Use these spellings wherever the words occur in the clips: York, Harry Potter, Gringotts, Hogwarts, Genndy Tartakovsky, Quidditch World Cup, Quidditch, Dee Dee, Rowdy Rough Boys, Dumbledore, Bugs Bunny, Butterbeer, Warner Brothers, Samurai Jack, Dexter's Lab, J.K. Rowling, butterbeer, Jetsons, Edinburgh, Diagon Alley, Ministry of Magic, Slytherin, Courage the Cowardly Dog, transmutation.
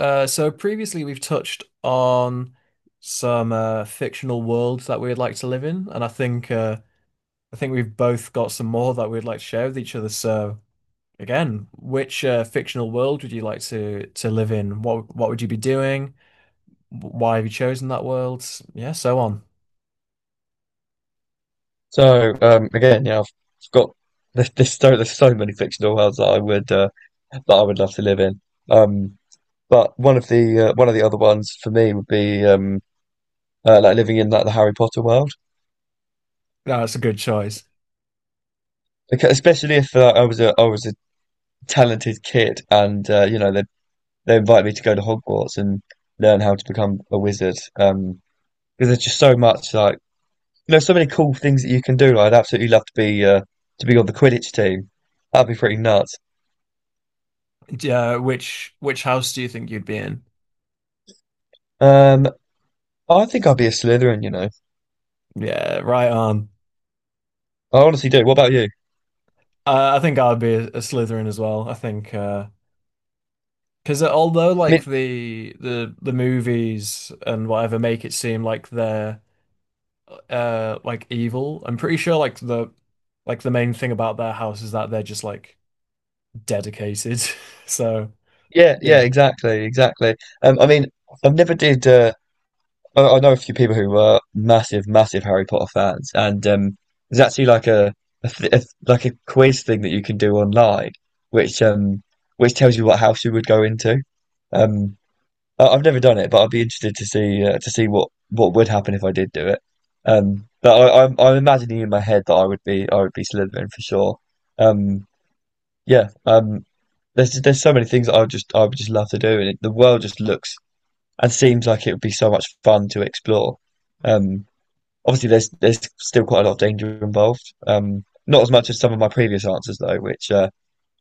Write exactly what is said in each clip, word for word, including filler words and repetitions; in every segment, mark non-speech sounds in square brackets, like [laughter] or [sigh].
Uh, so previously we've touched on some uh, fictional worlds that we'd like to live in, and I think uh, I think we've both got some more that we'd like to share with each other. So again, which uh, fictional world would you like to to live in? What what would you be doing? Why have you chosen that world? Yeah, so on. So um, again, yeah, I've I've got there's, there's so there's so many fictional worlds that I would uh, that I would love to live in. Um, but one of the uh, one of the other ones for me would be um, uh, like living in like the Harry Potter world, No, that's a good choice. because especially if uh, I was a I was a talented kid and uh, you know they they invite me to go to Hogwarts and learn how to become a wizard. Um, because there's just so much like you know so many cool things that you can do. Like, I'd absolutely love to be uh, to be on the Quidditch team. That'd be pretty nuts. Yeah, which which house do you think you'd be in? Um, I think I'll be a Slytherin, you know. Yeah, right on. I honestly do. What about you? Uh, I think I'd be a, a Slytherin as well. I think uh, because although I like mean, the the the movies and whatever make it seem like they're uh like evil, I'm pretty sure like the like the main thing about their house is that they're just like dedicated. [laughs] So yeah, yeah, yeah, exactly, exactly. Um, I mean, I've never did. Uh, I, I know a few people who were massive, massive Harry Potter fans, and um, there's actually like a, a, th a like a quiz thing that you can do online, which um, which tells you what house you would go into. Um, I, I've never done it, but I'd be interested to see uh, to see what what would happen if I did do it. Um, but I, I'm I'm imagining in my head that I would be I would be Slytherin for sure. Um. Yeah, um, there's there's so many things I would just I would just love to do, and it, the world just looks and seems like it would be so much fun to explore. Um, Obviously, there's there's still quite a lot of danger involved. Um, not as much as some of my previous answers though, which uh,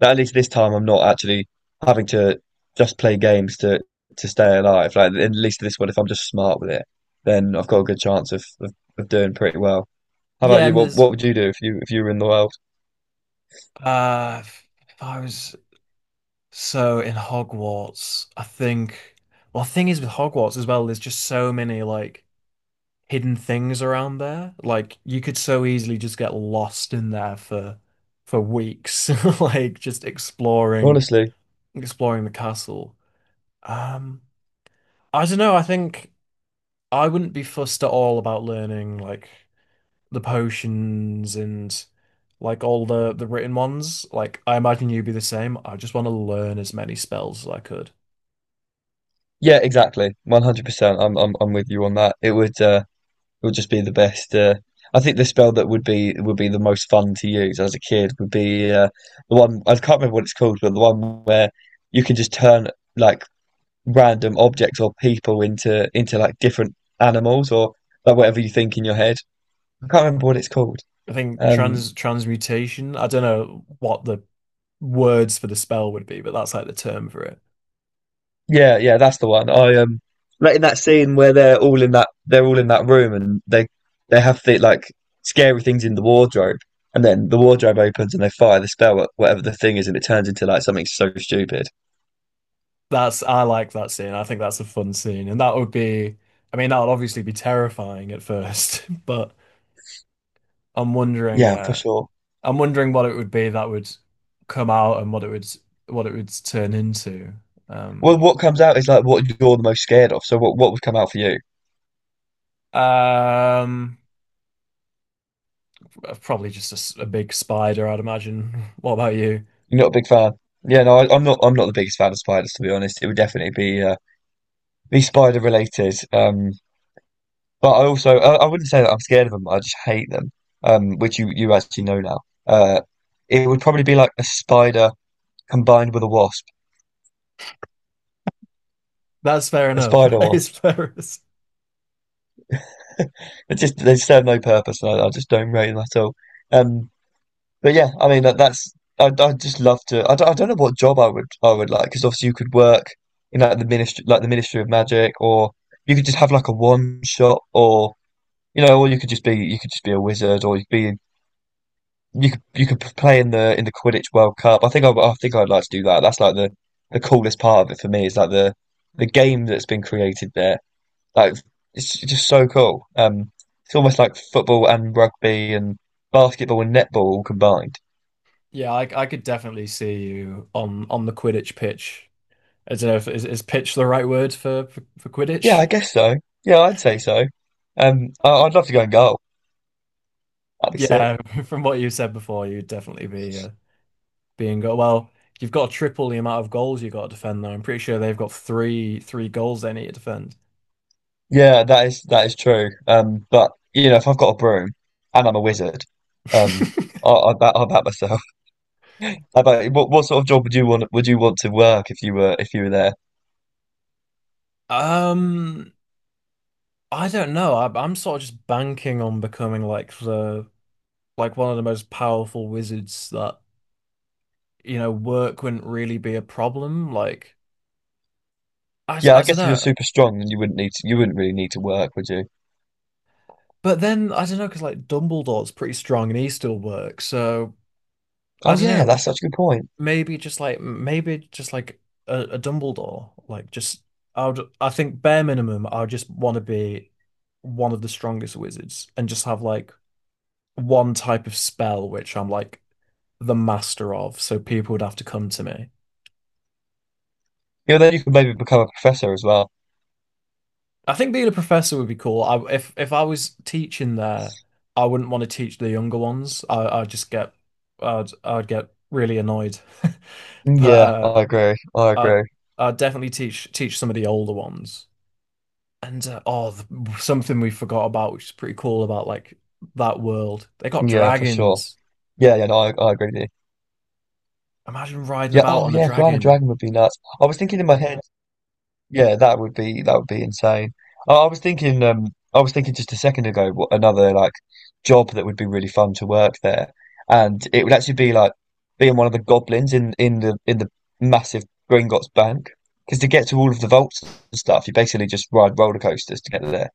that at least this time I'm not actually having to just play games to to stay alive. Like at least this one, if I'm just smart with it, then I've got a good chance of of, of doing pretty well. How about yeah, you? and What there's what would you do if you if you were in the world? uh if I was so in Hogwarts, I think well, the thing is with Hogwarts as well, there's just so many like hidden things around there. Like you could so easily just get lost in there for for weeks, [laughs] like just exploring Honestly. exploring the castle. Um, I don't know, I think I wouldn't be fussed at all about learning like the potions and like all the the written ones. Like I imagine you'd be the same. I just want to learn as many spells as I could. Yeah, exactly. one hundred percent. I'm I'm I'm with you on that. It would uh it would just be the best uh I think the spell that would be would be the most fun to use as a kid would be uh the one I can't remember what it's called, but the one where you can just turn like random objects or people into into like different animals or like whatever you think in your head. I can't remember what it's called. I think Um trans transmutation, I don't know what the words for the spell would be, but that's like the term for it. Yeah, yeah, that's the one. I um Like in that scene where they're all in that they're all in that room and they they have the like scary things in the wardrobe, and then the wardrobe opens and they fire the spell at whatever the thing is and it turns into like something so stupid. That's I like that scene. I think that's a fun scene. And that would be I mean that would obviously be terrifying at first, [laughs] but I'm wondering Yeah, for uh sure. I'm wondering what it would be that would come out and what it would what it would turn into. Well, Um what comes out is like what you're the most scared of. So what what would come out for you? um Probably just a, s- a big spider, I'd imagine. [laughs] What about you? You're not a big fan. Yeah, no, I, I'm not. I'm not the biggest fan of spiders, to be honest. It would definitely be uh, be spider related. Um, But I also I, I wouldn't say that I'm scared of them. I just hate them, um, which you you actually know now. Uh, it would probably be like a spider combined with a wasp, That's fair a enough. [laughs] spider That is wasp. [laughs] fair. as- It just they just serve no purpose, and I, I just don't rate them at all. Um, but yeah, I mean that, that's I I just love to. I don't, I don't know what job I would I would like because obviously you could work in like the ministry, like the Ministry of Magic, or you could just have like a wand shop, or you know, or you could just be you could just be a wizard, or you could be You could you could play in the in the Quidditch World Cup. I think I, I think I'd like to do that. That's like the the coolest part of it for me is like the the game that's been created there. Like it's just so cool. Um, it's almost like football and rugby and basketball and netball all combined. Yeah, I I could definitely see you on on the Quidditch pitch. I don't know if is, is pitch the right word for for, for Yeah, Quidditch? I guess so. Yeah, I'd say so. Um, I, I'd love to go and goal. That'd be sick. Yeah, [laughs] from what you said before, you'd definitely be uh, being go well. You've got to triple the amount of goals you've got to defend, though. I'm pretty sure they've got three three goals they need to defend. Yeah, that is that is true. Um, but you know, if I've got a broom and I'm a wizard, um, [laughs] I, I bat I bat myself. How about what what sort of job would you want would you want to work if you were if you were there? Um, I don't know. I, I'm sort of just banking on becoming like the like one of the most powerful wizards that you know work wouldn't really be a problem. Like I, Yeah, I I don't guess if you're know. super strong, then you wouldn't need to, you wouldn't really need to work, would you? But then I don't know because like Dumbledore's pretty strong and he still works. So I Oh don't yeah, know. that's such a good point. maybe just like maybe just like a, a Dumbledore. Like just I would I think bare minimum I would just want to be one of the strongest wizards and just have like one type of spell which I'm like the master of, so people would have to come to me. Yeah, then you could maybe become a professor as well. I think being a professor would be cool. I, if if I was teaching there, I wouldn't want to teach the younger ones. I I'd just get I'd I'd get really annoyed. [laughs] Mm, But yeah, uh I agree. I I'd agree. I'd definitely teach teach some of the older ones. And uh, oh, the, something we forgot about, which is pretty cool about like that world. They got Yeah, for sure. dragons. Yeah, yeah, no, I, I agree with you. Imagine riding Yeah, about oh on a yeah, flying a dragon. dragon would be nuts. I was thinking in my head. Yeah, that would be that would be insane. I, I was thinking, um, I was thinking just a second ago, what another like job that would be really fun to work there, and it would actually be like being one of the goblins in in the in the massive Gringotts Bank. Because to get to all of the vaults and stuff, you basically just ride roller coasters to get there.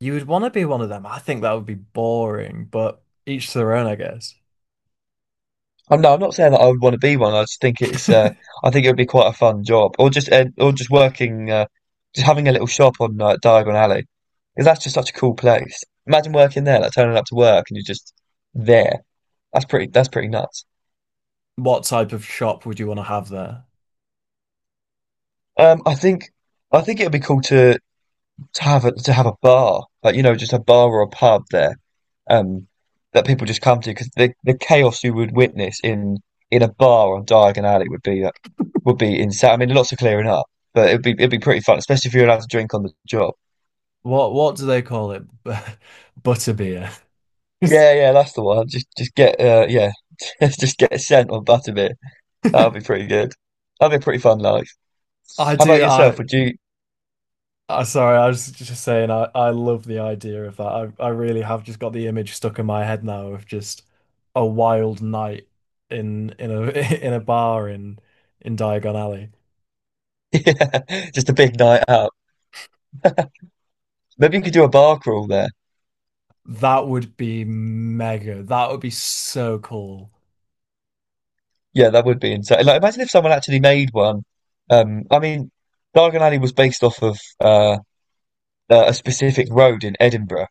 You would want to be one of them. I think that would be boring, but each to their own, I guess. I'm no, I'm not saying that I would want to be one. I just think it's uh, [laughs] I think it would be quite a fun job, or just uh, or just working, uh, just having a little shop on uh, Diagon Alley, because that's just such a cool place. Imagine working there, like turning up to work and you're just there. That's pretty. That's pretty nuts. What type of shop would you want to have there? Um, I think I think it would be cool to. to have a, to have a bar, like you know, just a bar or a pub there, um, that people just come to because the the chaos you would witness in in a bar on Diagon Alley would be uh, would be insane. I mean, lots of clearing up, but it'd be it'd be pretty fun, especially if you're allowed to drink on the job. What what do they call it? [laughs] Butterbeer. [laughs] Yeah, yeah, that's the one. Just just get uh, yeah, [laughs] just get sent on butterbeer. That would be pretty good. That'd be a pretty fun life. I How about do. yourself? I Would you? [laughs] I sorry, I was just saying I, I love the idea of that. I, I really have just got the image stuck in my head now of just a wild night in in a [laughs] in a bar in in Diagon Alley. Yeah, just a big night out. Maybe you could do a bar crawl there. That would be mega. That would be so cool. Yeah, that would be insane. Like, imagine if someone actually made one. Um, I mean, Diagon Alley was based off of uh, a a specific road in Edinburgh,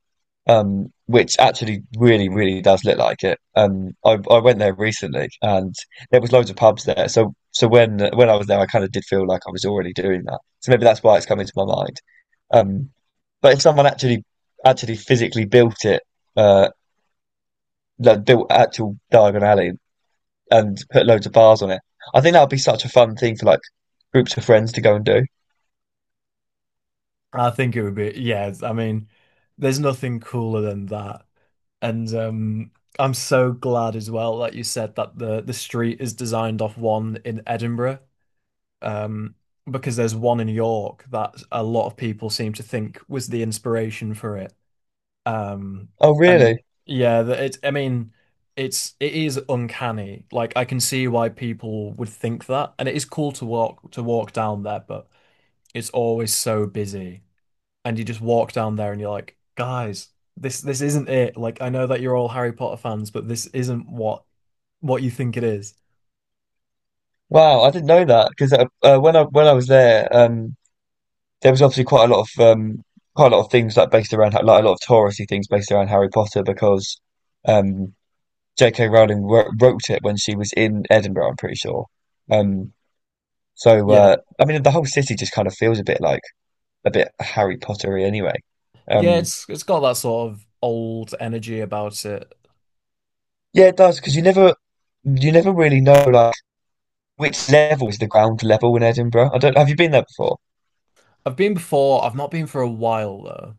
um, which actually really, really does look like it. Um, I, I went there recently, and there was loads of pubs there. So, so when when I was there, I kind of did feel like I was already doing that. So maybe that's why it's come into my mind. Um, but if someone actually actually physically built it, uh, like built actual Diagon Alley and put loads of bars on it. I think that would be such a fun thing for like groups of friends to go and do. I think it would be yeah, I mean, there's nothing cooler than that. And um I'm so glad as well that you said that the the street is designed off one in Edinburgh. Um, because there's one in York that a lot of people seem to think was the inspiration for it. Um, Oh, and really? yeah, that it, I mean, it's it is uncanny. Like I can see why people would think that, and it is cool to walk to walk down there, but it's always so busy, and you just walk down there and you're like, guys, this this isn't it. Like I know that you're all Harry Potter fans, but this isn't what what you think it is. Wow, I didn't know that because uh, uh, when I when I was there, um, there was obviously quite a lot of um, quite a lot of things like based around like a lot of touristy things based around Harry Potter because um, J K. Rowling wrote, wrote it when she was in Edinburgh, I'm pretty sure. Um, so Yeah. uh, I mean, the whole city just kind of feels a bit like a bit Harry Pottery anyway. Yeah, Um, it's it's got that sort of old energy about it. yeah, it does because you never you never really know like which level is the ground level in Edinburgh? I don't. Have you been there before? I've been before, I've not been for a while though.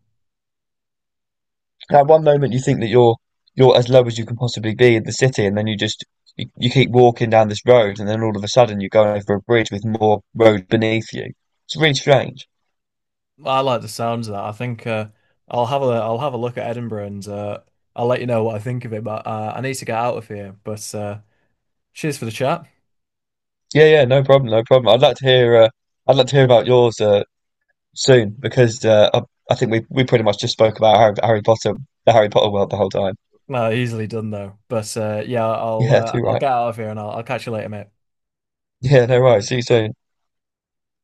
At one moment you think that you're you're as low as you can possibly be in the city, and then you just you, you keep walking down this road, and then all of a sudden you're going over a bridge with more road beneath you. It's really strange. I like the sounds of that. I think uh, I'll have a I'll have a look at Edinburgh and uh, I'll let you know what I think of it. But uh, I need to get out of here. But uh, cheers for the chat. Yeah, yeah, no problem, no problem. I'd like to hear. Uh, I'd like to hear about yours uh, soon because uh, I, I think we we pretty much just spoke about Harry, Harry Potter, the Harry Potter world the whole time. Uh, easily done though. But uh, yeah, I'll Yeah, uh, too I'll right. get out of here and I'll, I'll catch you later, mate. Yeah, no worries. See you soon.